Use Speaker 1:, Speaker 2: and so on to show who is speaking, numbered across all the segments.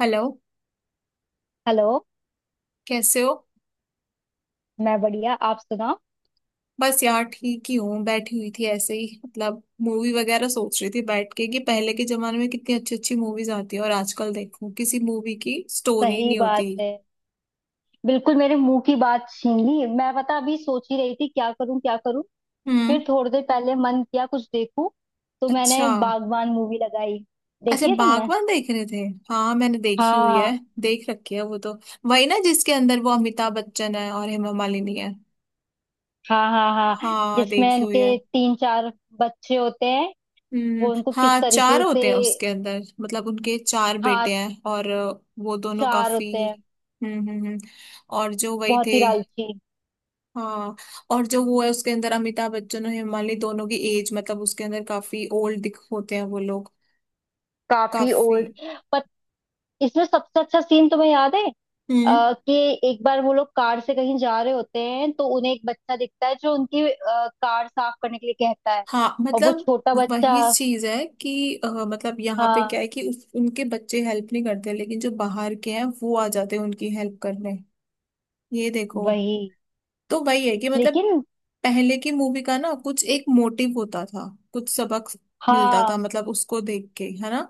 Speaker 1: Hello.
Speaker 2: Hello.
Speaker 1: कैसे हो।
Speaker 2: मैं बढ़िया, आप सुनाओ।
Speaker 1: बस यार ठीक ही हूँ। बैठी हुई थी ऐसे ही, मतलब मूवी वगैरह सोच रही थी बैठ के कि पहले के जमाने में कितनी अच्छी अच्छी मूवीज आती है और आजकल देखो किसी मूवी की स्टोरी
Speaker 2: सही
Speaker 1: नहीं
Speaker 2: बात
Speaker 1: होती।
Speaker 2: है। बिल्कुल मेरे मुंह की बात छीन ली। मैं पता अभी सोच ही रही थी क्या करूं क्या करूं।
Speaker 1: हम्म।
Speaker 2: फिर थोड़ी देर पहले मन किया कुछ देखूं, तो मैंने
Speaker 1: अच्छा।
Speaker 2: बागबान मूवी लगाई।
Speaker 1: अच्छा
Speaker 2: देखी है तुमने?
Speaker 1: बागवान देख रहे थे। हाँ मैंने देखी हुई है।
Speaker 2: हाँ
Speaker 1: देख रखी है वो तो। वही ना जिसके अंदर वो अमिताभ बच्चन है और हेमा मालिनी है।
Speaker 2: हाँ हाँ। हाँ,
Speaker 1: हाँ
Speaker 2: जिसमें
Speaker 1: देखी हुई है।
Speaker 2: उनके तीन चार बच्चे होते हैं।
Speaker 1: हम्म।
Speaker 2: वो उनको किस
Speaker 1: हाँ चार
Speaker 2: तरीके से।
Speaker 1: होते हैं उसके अंदर मतलब उनके चार
Speaker 2: हाँ,
Speaker 1: बेटे हैं। और वो दोनों
Speaker 2: चार
Speaker 1: काफी।
Speaker 2: होते हैं।
Speaker 1: हम्म। और जो वही
Speaker 2: बहुत
Speaker 1: थे।
Speaker 2: ही लालची।
Speaker 1: हाँ। और जो वो है उसके अंदर अमिताभ बच्चन और हेमाली दोनों की एज मतलब उसके अंदर काफी ओल्ड दिख होते हैं वो लोग।
Speaker 2: काफी
Speaker 1: काफी।
Speaker 2: ओल्ड। पर इसमें सबसे अच्छा सीन तुम्हें याद है?
Speaker 1: हम्म।
Speaker 2: कि एक बार वो लोग कार से कहीं जा रहे होते हैं तो उन्हें एक बच्चा दिखता है जो उनकी कार साफ करने के लिए कहता है।
Speaker 1: हाँ
Speaker 2: और वो
Speaker 1: मतलब
Speaker 2: छोटा बच्चा।
Speaker 1: वही चीज है कि मतलब यहाँ पे
Speaker 2: हाँ
Speaker 1: क्या है कि उनके बच्चे हेल्प नहीं करते लेकिन जो बाहर के हैं वो आ जाते हैं उनकी हेल्प करने। ये देखो।
Speaker 2: वही।
Speaker 1: तो वही है कि मतलब
Speaker 2: लेकिन
Speaker 1: पहले की मूवी का ना कुछ एक मोटिव होता था। कुछ सबक मिलता था
Speaker 2: हाँ,
Speaker 1: मतलब उसको देख के है ना।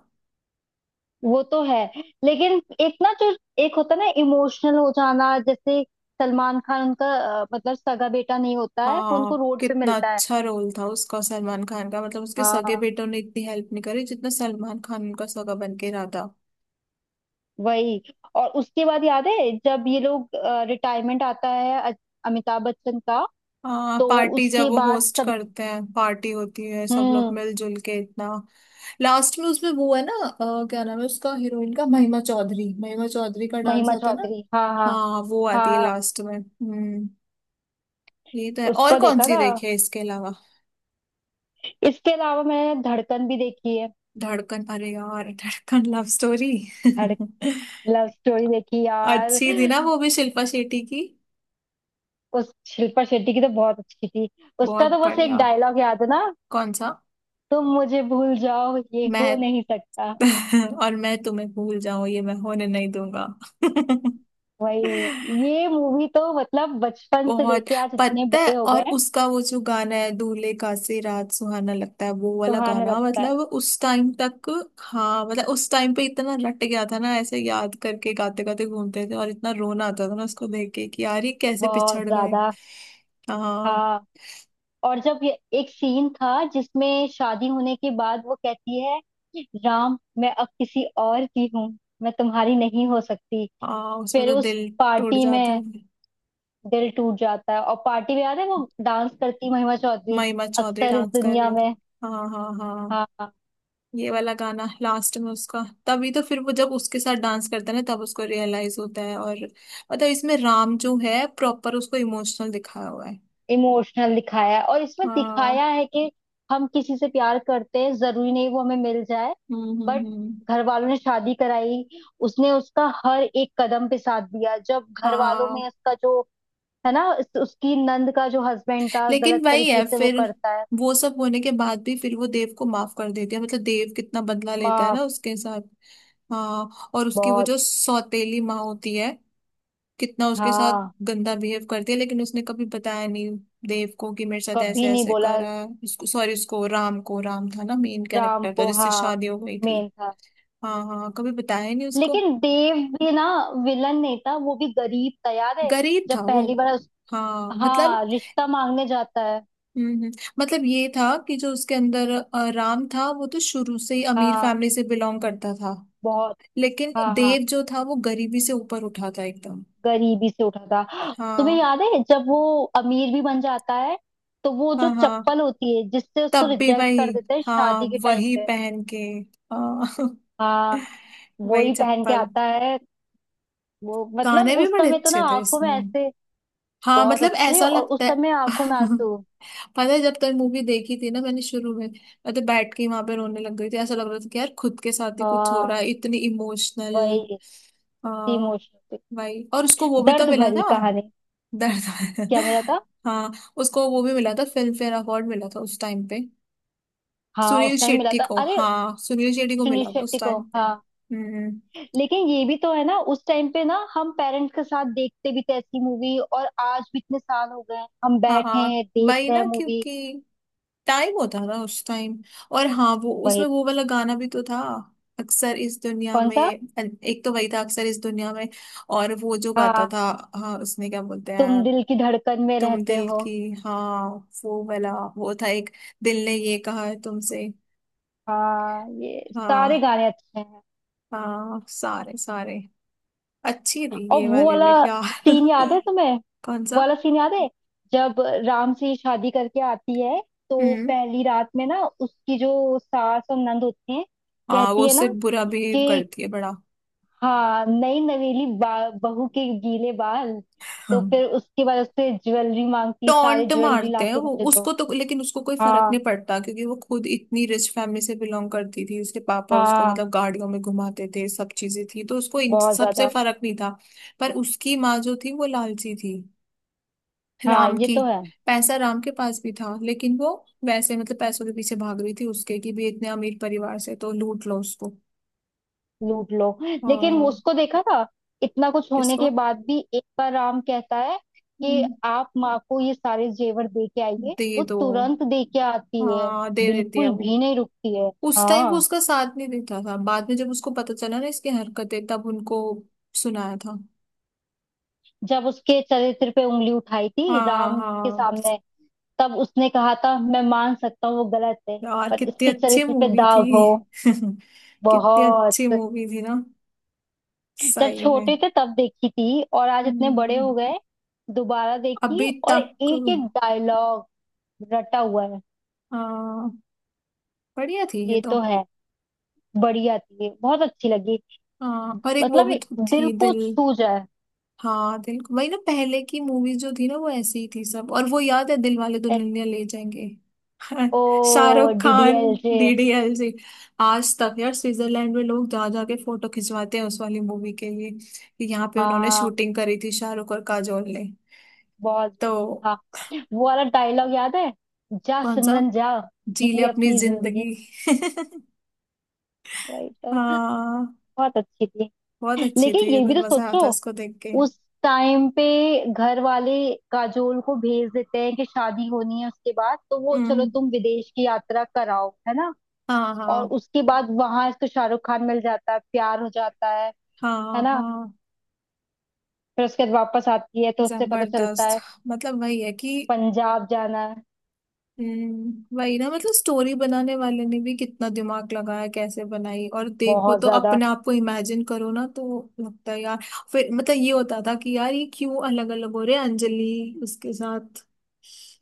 Speaker 2: वो तो है। लेकिन एक ना जो एक होता है ना इमोशनल हो जाना, जैसे सलमान खान उनका मतलब सगा बेटा नहीं होता है, वो
Speaker 1: हाँ।
Speaker 2: उनको रोड पे
Speaker 1: कितना
Speaker 2: मिलता है।
Speaker 1: अच्छा रोल था उसका सलमान खान का मतलब उसके सगे
Speaker 2: हाँ
Speaker 1: बेटों ने इतनी हेल्प नहीं करी जितना सलमान खान उनका सगा बन के रहा था।
Speaker 2: वही। और उसके बाद याद है जब ये लोग, रिटायरमेंट आता है अमिताभ बच्चन का?
Speaker 1: हाँ
Speaker 2: तो
Speaker 1: पार्टी जब
Speaker 2: उसके
Speaker 1: वो
Speaker 2: बाद
Speaker 1: होस्ट
Speaker 2: सब।
Speaker 1: करते हैं पार्टी होती है सब लोग
Speaker 2: हम्म।
Speaker 1: मिलजुल के इतना। लास्ट में उसमें वो है ना, क्या नाम है उसका हीरोइन का, महिमा चौधरी। महिमा चौधरी का डांस
Speaker 2: महिमा
Speaker 1: आता है ना।
Speaker 2: चौधरी हाँ हाँ
Speaker 1: हाँ वो आती है
Speaker 2: हाँ।
Speaker 1: लास्ट में। हम्म। ये तो है। और
Speaker 2: उसका
Speaker 1: कौन
Speaker 2: देखा
Speaker 1: सी
Speaker 2: था।
Speaker 1: देखी है इसके अलावा।
Speaker 2: इसके अलावा मैंने धड़कन भी देखी है।
Speaker 1: धड़कन, अरे यार धड़कन लव स्टोरी।
Speaker 2: धड़ लव स्टोरी देखी यार।
Speaker 1: अच्छी थी ना वो भी शिल्पा शेट्टी की।
Speaker 2: उस शिल्पा शेट्टी की तो बहुत अच्छी थी। उसका
Speaker 1: बहुत
Speaker 2: तो बस एक
Speaker 1: बढ़िया।
Speaker 2: डायलॉग याद है ना।
Speaker 1: कौन सा।
Speaker 2: तुम मुझे भूल जाओ ये हो
Speaker 1: मैं
Speaker 2: नहीं सकता।
Speaker 1: और मैं तुम्हें भूल जाऊं ये मैं होने नहीं दूंगा।
Speaker 2: वही, ये मूवी तो मतलब बचपन से
Speaker 1: बहुत।
Speaker 2: लेके आज इतने
Speaker 1: पता है
Speaker 2: बड़े हो गए
Speaker 1: और
Speaker 2: हैं,
Speaker 1: उसका वो जो गाना है दूल्हे का से रात सुहाना लगता है वो वाला
Speaker 2: सुहाने
Speaker 1: गाना
Speaker 2: लगता है।
Speaker 1: मतलब उस टाइम तक। हाँ मतलब उस टाइम पे इतना रट गया था ना ऐसे याद करके गाते गाते घूमते थे और इतना रोना आता था ना उसको देख के कि यार ये कैसे
Speaker 2: बहुत
Speaker 1: पिछड़ गए।
Speaker 2: ज्यादा।
Speaker 1: हाँ।
Speaker 2: हाँ, और जब ये एक सीन था जिसमें शादी होने के बाद वो कहती है, राम मैं अब किसी और की हूँ, मैं तुम्हारी नहीं हो सकती।
Speaker 1: हाँ उसमें
Speaker 2: फिर
Speaker 1: तो
Speaker 2: उस
Speaker 1: दिल टूट
Speaker 2: पार्टी
Speaker 1: जाता
Speaker 2: में
Speaker 1: है।
Speaker 2: दिल टूट जाता है, और पार्टी में याद है वो डांस करती महिमा चौधरी,
Speaker 1: महिमा चौधरी
Speaker 2: अक्सर इस
Speaker 1: डांस कर रही
Speaker 2: दुनिया
Speaker 1: है।
Speaker 2: में।
Speaker 1: हाँ हाँ हाँ।
Speaker 2: हाँ।
Speaker 1: ये वाला गाना लास्ट में उसका। तभी तो फिर वो जब उसके साथ डांस करता है ना तब उसको रियलाइज होता है और मतलब इसमें राम जो है प्रॉपर उसको इमोशनल दिखाया हुआ है।
Speaker 2: इमोशनल दिखाया है, और इसमें
Speaker 1: हाँ।
Speaker 2: दिखाया है कि हम किसी से प्यार करते हैं जरूरी नहीं वो हमें मिल जाए। बट
Speaker 1: हम्म।
Speaker 2: घर वालों ने शादी कराई, उसने उसका हर एक कदम पे साथ दिया। जब घर वालों में
Speaker 1: हाँ
Speaker 2: उसका जो है ना, उसकी नंद का जो हस्बैंड था
Speaker 1: लेकिन
Speaker 2: गलत
Speaker 1: वही
Speaker 2: तरीके
Speaker 1: है
Speaker 2: से वो
Speaker 1: फिर,
Speaker 2: करता है।
Speaker 1: वो सब होने के बाद भी फिर वो देव को माफ कर देती है मतलब देव कितना बदला लेता है
Speaker 2: माफ।
Speaker 1: ना उसके साथ। हाँ और उसकी वो
Speaker 2: बहुत।
Speaker 1: जो सौतेली माँ होती है कितना उसके साथ
Speaker 2: हाँ,
Speaker 1: गंदा बिहेव करती है लेकिन उसने कभी बताया नहीं देव को कि मेरे साथ ऐसे
Speaker 2: कभी नहीं
Speaker 1: ऐसे
Speaker 2: बोला।
Speaker 1: करा है। उसको सॉरी, उसको राम को, राम था ना मेन
Speaker 2: राम
Speaker 1: कैरेक्टर था
Speaker 2: को
Speaker 1: जिससे
Speaker 2: हाँ।
Speaker 1: शादी हो गई थी।
Speaker 2: मेन था।
Speaker 1: हाँ हाँ हाँ, कभी बताया नहीं उसको।
Speaker 2: लेकिन देव भी ना विलन नहीं था, वो भी गरीब था याद है
Speaker 1: गरीब था
Speaker 2: जब
Speaker 1: वो।
Speaker 2: पहली बार उस।
Speaker 1: हाँ मतलब।
Speaker 2: हाँ, रिश्ता मांगने जाता है।
Speaker 1: हम्म हम्म, मतलब ये था कि जो उसके अंदर राम था वो तो शुरू से ही अमीर
Speaker 2: हाँ।
Speaker 1: फैमिली से बिलोंग करता था।
Speaker 2: बहुत।
Speaker 1: लेकिन
Speaker 2: हाँ हाँ।
Speaker 1: देव जो था वो गरीबी से ऊपर उठा था एकदम।
Speaker 2: गरीबी से उठा था। तुम्हें
Speaker 1: हाँ
Speaker 2: याद है जब वो अमीर भी बन जाता है, तो वो जो
Speaker 1: हाँ हाँ।
Speaker 2: चप्पल होती है जिससे उसको
Speaker 1: तब भी
Speaker 2: रिजेक्ट
Speaker 1: वही।
Speaker 2: कर देते हैं
Speaker 1: हाँ
Speaker 2: शादी के टाइम
Speaker 1: वही
Speaker 2: पे।
Speaker 1: पहन के। हाँ
Speaker 2: हाँ। वो
Speaker 1: वही
Speaker 2: ही पहन के
Speaker 1: चप्पल।
Speaker 2: आता है। वो
Speaker 1: गाने
Speaker 2: मतलब
Speaker 1: भी
Speaker 2: उस
Speaker 1: बड़े
Speaker 2: समय तो ना
Speaker 1: अच्छे थे
Speaker 2: आंखों में
Speaker 1: इसमें।
Speaker 2: ऐसे।
Speaker 1: हाँ
Speaker 2: बहुत
Speaker 1: मतलब
Speaker 2: अच्छे,
Speaker 1: ऐसा
Speaker 2: और उस
Speaker 1: लगता है
Speaker 2: समय आंखों में आंसू।
Speaker 1: पता है जब तक मूवी देखी थी ना मैंने शुरू में मैं तो बैठ के ही वहां पे रोने लग गई थी। ऐसा लग रहा था कि यार खुद के साथ ही कुछ हो रहा
Speaker 2: हाँ
Speaker 1: है इतनी इमोशनल।
Speaker 2: वही।
Speaker 1: हाँ।
Speaker 2: इमोशनल।
Speaker 1: भाई और उसको वो भी तो
Speaker 2: दर्द
Speaker 1: मिला
Speaker 2: भरी
Speaker 1: था।
Speaker 2: कहानी।
Speaker 1: दर्द
Speaker 2: क्या मिला था?
Speaker 1: हाँ। उसको वो भी मिला था फिल्म फेयर अवार्ड मिला था उस टाइम पे।
Speaker 2: हाँ
Speaker 1: सुनील
Speaker 2: उस टाइम मिला
Speaker 1: शेट्टी
Speaker 2: था।
Speaker 1: को,
Speaker 2: अरे
Speaker 1: हाँ सुनील शेट्टी को
Speaker 2: सुनील
Speaker 1: मिला था उस
Speaker 2: शेट्टी को,
Speaker 1: टाइम पे।
Speaker 2: हाँ।
Speaker 1: हम्म।
Speaker 2: लेकिन ये भी तो है ना, उस टाइम पे ना हम पेरेंट्स के साथ देखते भी थे ऐसी मूवी, और आज भी इतने साल हो गए हैं, हम बैठे
Speaker 1: हाँ
Speaker 2: हैं देख
Speaker 1: वही
Speaker 2: रहे
Speaker 1: ना,
Speaker 2: हैं मूवी।
Speaker 1: क्योंकि टाइम होता था उस टाइम। और हाँ वो
Speaker 2: वही।
Speaker 1: उसमें वो वाला गाना भी तो था अक्सर इस दुनिया
Speaker 2: कौन
Speaker 1: में।
Speaker 2: सा?
Speaker 1: एक तो वही था अक्सर इस दुनिया में। और वो जो गाता
Speaker 2: हाँ,
Speaker 1: था। हाँ उसमें क्या बोलते
Speaker 2: तुम
Speaker 1: हैं।
Speaker 2: दिल की धड़कन में
Speaker 1: तुम
Speaker 2: रहते
Speaker 1: दिल
Speaker 2: हो।
Speaker 1: की, हाँ। वो वाला। वो था एक, दिल ने ये कहा है तुमसे।
Speaker 2: हाँ, ये
Speaker 1: हाँ।
Speaker 2: सारे गाने अच्छे हैं।
Speaker 1: हाँ सारे सारे अच्छी थी
Speaker 2: और
Speaker 1: ये
Speaker 2: वो
Speaker 1: वाले भी
Speaker 2: वाला
Speaker 1: यार
Speaker 2: सीन याद है तुम्हें,
Speaker 1: कौन
Speaker 2: वो
Speaker 1: सा।
Speaker 2: वाला सीन याद है जब राम से शादी करके आती है, तो
Speaker 1: हम्म।
Speaker 2: पहली रात में ना उसकी जो सास और नंद होती हैं,
Speaker 1: हाँ वो
Speaker 2: कहती है
Speaker 1: उससे
Speaker 2: ना
Speaker 1: बुरा बिहेव
Speaker 2: कि,
Speaker 1: करती है बड़ा।
Speaker 2: हाँ नई नवेली बहू के गीले बाल, तो फिर उसके बाद उससे ज्वेलरी मांगती, सारी
Speaker 1: टॉन्ट
Speaker 2: ज्वेलरी
Speaker 1: मारते हैं
Speaker 2: लाके
Speaker 1: वो
Speaker 2: मुझे दो।
Speaker 1: उसको तो, लेकिन उसको कोई फर्क
Speaker 2: हाँ
Speaker 1: नहीं पड़ता क्योंकि वो खुद इतनी रिच फैमिली से बिलोंग करती थी। उसके पापा उसको
Speaker 2: हाँ।
Speaker 1: मतलब गाड़ियों में घुमाते थे, सब चीजें थी तो उसको इन
Speaker 2: बहुत
Speaker 1: सबसे
Speaker 2: ज्यादा।
Speaker 1: फर्क नहीं था। पर उसकी माँ जो थी वो लालची थी,
Speaker 2: हाँ
Speaker 1: राम
Speaker 2: ये
Speaker 1: की।
Speaker 2: तो है।
Speaker 1: पैसा राम के पास भी था लेकिन वो वैसे मतलब पैसों के पीछे भाग रही थी उसके कि भी इतने अमीर परिवार से तो लूट लो उसको।
Speaker 2: लूट लो। लेकिन वो
Speaker 1: हाँ।
Speaker 2: उसको देखा था, इतना कुछ होने
Speaker 1: किसको।
Speaker 2: के बाद भी एक बार राम कहता है कि
Speaker 1: हम्म,
Speaker 2: आप माँ को ये सारे जेवर दे के आइए,
Speaker 1: दे
Speaker 2: वो
Speaker 1: दो।
Speaker 2: तुरंत दे के आती है।
Speaker 1: हाँ दे देती है
Speaker 2: बिल्कुल
Speaker 1: वो।
Speaker 2: भी नहीं रुकती है।
Speaker 1: उस टाइम वो
Speaker 2: हाँ,
Speaker 1: उसका साथ नहीं देता था, बाद में जब उसको पता चला ना इसकी हरकतें तब उनको सुनाया था।
Speaker 2: जब उसके चरित्र पे उंगली उठाई थी
Speaker 1: हाँ
Speaker 2: राम के
Speaker 1: हाँ।
Speaker 2: सामने, तब उसने कहा था मैं मान सकता हूँ वो गलत है,
Speaker 1: यार
Speaker 2: पर
Speaker 1: कितनी
Speaker 2: इसके
Speaker 1: अच्छी
Speaker 2: चरित्र पे
Speaker 1: मूवी थी।
Speaker 2: दाग हो।
Speaker 1: कितनी
Speaker 2: बहुत।
Speaker 1: अच्छी मूवी थी ना,
Speaker 2: जब
Speaker 1: सही में।
Speaker 2: छोटे थे तब देखी थी, और आज इतने बड़े
Speaker 1: हम्म,
Speaker 2: हो गए दोबारा देखी,
Speaker 1: अभी
Speaker 2: और
Speaker 1: तक।
Speaker 2: एक एक डायलॉग रटा हुआ है।
Speaker 1: हाँ बढ़िया थी ये
Speaker 2: ये
Speaker 1: तो।
Speaker 2: तो है। बढ़िया थी ये, बहुत अच्छी लगी।
Speaker 1: हाँ और एक वो
Speaker 2: मतलब
Speaker 1: भी
Speaker 2: ये
Speaker 1: तो
Speaker 2: दिल
Speaker 1: थी
Speaker 2: को
Speaker 1: दिल।
Speaker 2: छू जाए।
Speaker 1: हाँ दिल, वही ना पहले की मूवीज जो थी ना वो ऐसी ही थी सब। और वो याद है दिल वाले
Speaker 2: एस,
Speaker 1: दुल्हनिया ले जाएंगे। हाँ,
Speaker 2: ओ,
Speaker 1: Shahrukh
Speaker 2: D D
Speaker 1: Khan.
Speaker 2: L J
Speaker 1: DDLJ. आज तक यार स्विट्जरलैंड में लोग जा जा के फोटो खिंचवाते हैं उस वाली मूवी के लिए कि यहाँ पे उन्होंने
Speaker 2: हाँ
Speaker 1: शूटिंग करी थी शाहरुख और काजोल ने।
Speaker 2: बहुत।
Speaker 1: तो
Speaker 2: हाँ वो वाला डायलॉग याद है, जा
Speaker 1: कौन सा।
Speaker 2: सिमरन जा, जी
Speaker 1: जी ले
Speaker 2: ले
Speaker 1: अपनी
Speaker 2: अपनी जिंदगी,
Speaker 1: जिंदगी।
Speaker 2: वही तो।
Speaker 1: हाँ।
Speaker 2: बहुत अच्छी थी।
Speaker 1: बहुत अच्छी थी
Speaker 2: लेकिन
Speaker 1: ये
Speaker 2: ये
Speaker 1: तो,
Speaker 2: भी तो
Speaker 1: मजा आया
Speaker 2: सोचो
Speaker 1: था इसको देख के।
Speaker 2: उस टाइम पे, घर वाले काजोल को भेज देते हैं कि शादी होनी है उसके बाद, तो वो चलो
Speaker 1: हम्म।
Speaker 2: तुम विदेश की यात्रा कराओ, है ना।
Speaker 1: हाँ
Speaker 2: और
Speaker 1: हाँ।
Speaker 2: उसके बाद वहां इसको शाहरुख खान मिल जाता है, प्यार हो जाता है
Speaker 1: हाँ
Speaker 2: ना।
Speaker 1: हाँ।
Speaker 2: फिर उसके बाद वापस आती है तो उससे पता चलता
Speaker 1: जबरदस्त।
Speaker 2: है
Speaker 1: मतलब वही है कि
Speaker 2: पंजाब जाना है।
Speaker 1: हम्म, वही ना मतलब स्टोरी बनाने वाले ने भी कितना दिमाग लगाया कैसे बनाई। और देखो
Speaker 2: बहुत
Speaker 1: तो
Speaker 2: ज्यादा।
Speaker 1: अपने आप को इमेजिन करो ना तो लगता है यार। फिर मतलब ये होता था कि यार ये क्यों अलग अलग हो रहे हैं, अंजलि उसके साथ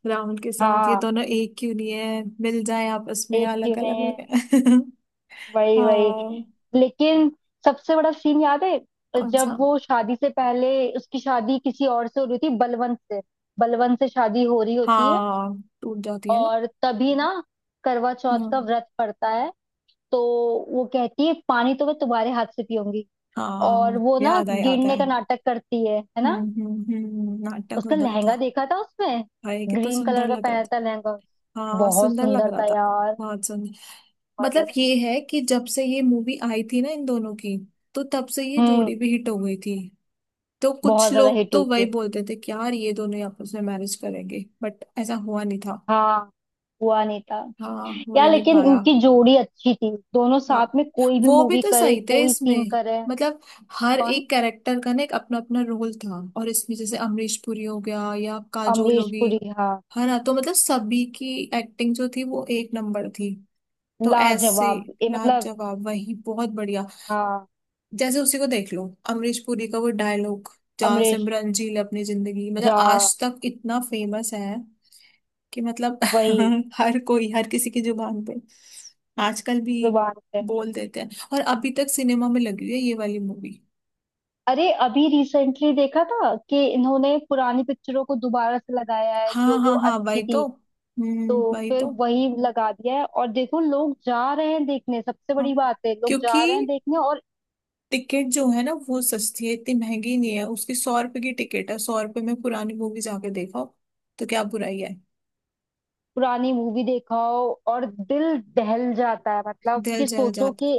Speaker 1: राहुल के साथ, ये
Speaker 2: हाँ
Speaker 1: दोनों एक क्यों नहीं है, मिल जाए आपस में,
Speaker 2: एक क्यों
Speaker 1: अलग अलग
Speaker 2: नहीं
Speaker 1: हो
Speaker 2: है,
Speaker 1: रहे हैं।
Speaker 2: वही वही।
Speaker 1: हाँ।
Speaker 2: लेकिन सबसे बड़ा सीन याद है
Speaker 1: कौन सा।
Speaker 2: जब वो शादी से पहले, उसकी शादी किसी और से हो रही थी, बलवंत से, बलवंत से शादी हो रही होती है।
Speaker 1: हाँ टूट जाती है ना।
Speaker 2: और तभी ना करवा चौथ का
Speaker 1: हम्म।
Speaker 2: व्रत पड़ता है, तो वो कहती है पानी तो मैं तुम्हारे हाथ से पीऊंगी, और
Speaker 1: हाँ
Speaker 2: वो ना
Speaker 1: याद आया याद
Speaker 2: गिरने
Speaker 1: आया।
Speaker 2: का नाटक करती है ना।
Speaker 1: हम्म। नाटक
Speaker 2: उसका
Speaker 1: होता
Speaker 2: लहंगा
Speaker 1: था।
Speaker 2: देखा था उसमें,
Speaker 1: भाई कितना
Speaker 2: ग्रीन
Speaker 1: सुंदर
Speaker 2: कलर का
Speaker 1: लग रहा।
Speaker 2: पहना था लहंगा।
Speaker 1: हाँ
Speaker 2: बहुत
Speaker 1: सुंदर लग
Speaker 2: सुंदर
Speaker 1: रहा
Speaker 2: था
Speaker 1: था।
Speaker 2: यार।
Speaker 1: बहुत सुंदर।
Speaker 2: बहुत
Speaker 1: मतलब
Speaker 2: ज्यादा।
Speaker 1: ये है कि जब से ये मूवी आई थी ना इन दोनों की तो तब से ये
Speaker 2: हम्म।
Speaker 1: जोड़ी भी हिट हो गई थी। तो कुछ
Speaker 2: बहुत ज्यादा
Speaker 1: लोग
Speaker 2: हिट
Speaker 1: तो
Speaker 2: हुई
Speaker 1: वही
Speaker 2: थी।
Speaker 1: बोलते थे कि यार ये दोनों ही आपस में मैरिज करेंगे बट ऐसा हुआ नहीं था।
Speaker 2: हाँ, हुआ नहीं था।
Speaker 1: हाँ हो ही
Speaker 2: यार
Speaker 1: नहीं
Speaker 2: लेकिन
Speaker 1: पाया।
Speaker 2: इनकी जोड़ी अच्छी थी, दोनों
Speaker 1: हाँ
Speaker 2: साथ में कोई भी
Speaker 1: वो भी
Speaker 2: मूवी
Speaker 1: तो
Speaker 2: करे
Speaker 1: सही थे
Speaker 2: कोई सीन
Speaker 1: इसमें
Speaker 2: करे।
Speaker 1: मतलब हर
Speaker 2: कौन?
Speaker 1: एक कैरेक्टर का ना एक अपना अपना रोल था। और इसमें जैसे अमरीश पुरी हो गया या काजोल
Speaker 2: अमरीश
Speaker 1: होगी,
Speaker 2: पुरी, हाँ।
Speaker 1: है ना, तो मतलब सभी की एक्टिंग जो थी वो एक नंबर थी। तो ऐसे
Speaker 2: लाजवाब ये मतलब।
Speaker 1: लाजवाब, वही बहुत बढ़िया।
Speaker 2: हाँ,
Speaker 1: जैसे उसी को देख लो, अमरीश पुरी का वो डायलॉग जहाँ
Speaker 2: अमरीश
Speaker 1: सिमरन जी अपनी जिंदगी, मतलब
Speaker 2: जा।
Speaker 1: आज तक इतना फेमस है कि मतलब
Speaker 2: वही
Speaker 1: हर कोई, हर किसी की जुबान पे आजकल भी
Speaker 2: जुबान पे।
Speaker 1: बोल देते हैं। और अभी तक सिनेमा में लगी हुई है ये वाली मूवी।
Speaker 2: अरे अभी रिसेंटली देखा था कि इन्होंने पुरानी पिक्चरों को दोबारा से लगाया है,
Speaker 1: हाँ
Speaker 2: जो जो
Speaker 1: हाँ हाँ,
Speaker 2: अच्छी
Speaker 1: वही
Speaker 2: थी।
Speaker 1: तो। हम्म,
Speaker 2: तो
Speaker 1: वही
Speaker 2: फिर
Speaker 1: तो।
Speaker 2: वही लगा दिया है, और देखो लोग जा रहे हैं देखने, सबसे बड़ी
Speaker 1: हाँ
Speaker 2: बात है लोग
Speaker 1: क्योंकि
Speaker 2: जा रहे हैं देखने, और
Speaker 1: टिकट जो है ना वो सस्ती है, इतनी महंगी नहीं है उसकी। 100 रुपए की टिकट है, 100 रुपए में पुरानी मूवी जाके देखो तो क्या बुराई है।
Speaker 2: पुरानी मूवी देखाओ। और दिल दहल जाता है, मतलब
Speaker 1: दिल
Speaker 2: कि
Speaker 1: जल
Speaker 2: सोचो
Speaker 1: जाता
Speaker 2: कि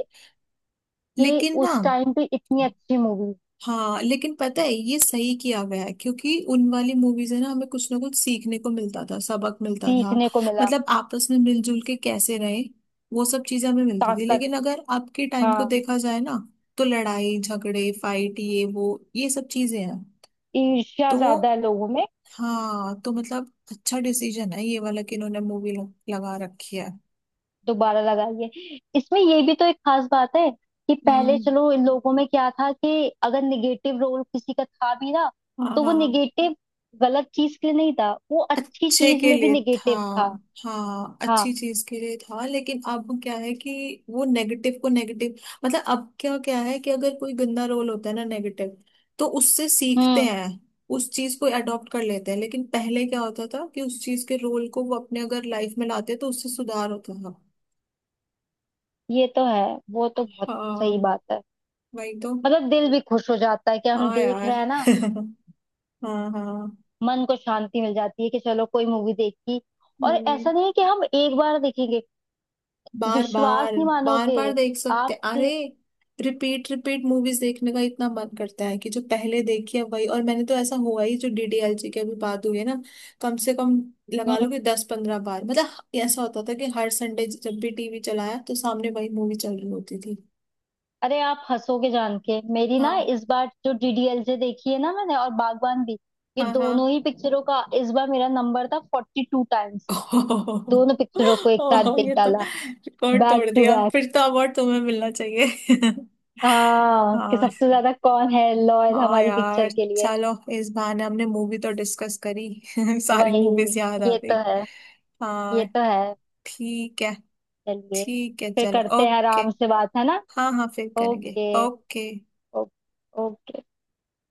Speaker 1: है।
Speaker 2: कि
Speaker 1: लेकिन ना,
Speaker 2: उस टाइम पे इतनी अच्छी मूवी।
Speaker 1: हाँ लेकिन पता है ये सही किया गया है क्योंकि उन वाली मूवीज है ना हमें कुछ ना कुछ सीखने को मिलता था, सबक मिलता था।
Speaker 2: सीखने को मिला।
Speaker 1: मतलब आपस में मिलजुल के कैसे रहे, वो सब चीजें हमें मिलती थी।
Speaker 2: ताकत।
Speaker 1: लेकिन अगर अब के टाइम को
Speaker 2: हाँ,
Speaker 1: देखा जाए ना तो लड़ाई झगड़े फाइट ये वो, ये सब चीजें हैं।
Speaker 2: ईर्ष्या
Speaker 1: तो,
Speaker 2: ज्यादा है लोगों में।
Speaker 1: हाँ, तो मतलब अच्छा डिसीजन है ये वाला कि इन्होंने मूवी लगा रखी है।
Speaker 2: दोबारा लगाइए। इसमें ये भी तो एक खास बात है कि पहले
Speaker 1: हम्म।
Speaker 2: चलो, इन लोगों में क्या था कि अगर निगेटिव रोल किसी का था भी ना,
Speaker 1: हाँ
Speaker 2: तो वो
Speaker 1: हाँ।
Speaker 2: निगेटिव गलत चीज के लिए नहीं था, वो अच्छी
Speaker 1: अच्छे
Speaker 2: चीज
Speaker 1: के
Speaker 2: में भी
Speaker 1: लिए था।
Speaker 2: निगेटिव था।
Speaker 1: हाँ अच्छी
Speaker 2: हाँ।
Speaker 1: चीज के लिए था लेकिन अब क्या है कि वो नेगेटिव को नेगेटिव, मतलब अब क्या क्या है कि अगर कोई गंदा रोल होता है ना नेगेटिव, तो उससे सीखते
Speaker 2: हम्म।
Speaker 1: हैं, उस चीज को अडॉप्ट कर लेते हैं। लेकिन पहले क्या होता था कि उस चीज के रोल को वो अपने अगर लाइफ में लाते तो उससे सुधार होता था।
Speaker 2: ये तो है। वो तो बहुत सही
Speaker 1: हाँ
Speaker 2: बात है।
Speaker 1: वही तो।
Speaker 2: मतलब दिल भी खुश हो जाता है कि हम
Speaker 1: हाँ
Speaker 2: देख
Speaker 1: यार
Speaker 2: रहे हैं ना,
Speaker 1: हाँ हाँ।
Speaker 2: मन को शांति मिल जाती है कि चलो कोई मूवी देखी। और
Speaker 1: हम्म।
Speaker 2: ऐसा नहीं है कि हम एक बार देखेंगे,
Speaker 1: बार
Speaker 2: विश्वास
Speaker 1: बार।
Speaker 2: नहीं
Speaker 1: बार
Speaker 2: मानोगे
Speaker 1: बार देख सकते, अरे
Speaker 2: आपके।
Speaker 1: रिपीट रिपीट मूवीज देखने का इतना मन करता है कि जो पहले देखी है वही। और मैंने तो ऐसा हुआ ही, जो डीडीएलजे की अभी बात हुई है ना, कम से कम लगा लो कि 10-15 बार, मतलब ऐसा होता था कि हर संडे जब भी टीवी चलाया तो सामने वही मूवी चल रही होती थी।
Speaker 2: अरे आप हंसोगे जान के मेरी ना,
Speaker 1: हाँ
Speaker 2: इस बार जो DDLJ देखी है ना मैंने, और बागबान भी, ये
Speaker 1: हाँ हाँ।
Speaker 2: दोनों ही पिक्चरों का इस बार मेरा नंबर था 42 टाइम्स। दोनों पिक्चरों को एक
Speaker 1: ओह
Speaker 2: साथ देख
Speaker 1: ये तो
Speaker 2: डाला,
Speaker 1: रिकॉर्ड
Speaker 2: बैक
Speaker 1: तोड़
Speaker 2: टू
Speaker 1: दिया,
Speaker 2: बैक।
Speaker 1: फिर तो अवार्ड तुम्हें मिलना चाहिए।
Speaker 2: हाँ कि
Speaker 1: हाँ
Speaker 2: सबसे ज्यादा कौन है लॉयल
Speaker 1: हाँ
Speaker 2: हमारी
Speaker 1: यार
Speaker 2: पिक्चर के लिए।
Speaker 1: चलो, इस बहाने हमने मूवी तो डिस्कस करी। सारी
Speaker 2: वही
Speaker 1: मूवीज याद आ
Speaker 2: ये
Speaker 1: गई।
Speaker 2: तो है, ये
Speaker 1: हाँ
Speaker 2: तो है।
Speaker 1: ठीक है।
Speaker 2: चलिए,
Speaker 1: ठीक है
Speaker 2: फिर
Speaker 1: चलो
Speaker 2: करते हैं
Speaker 1: ओके।
Speaker 2: आराम से बात, है ना।
Speaker 1: हाँ हाँ फिर करेंगे।
Speaker 2: Okay,
Speaker 1: okay.
Speaker 2: ओके।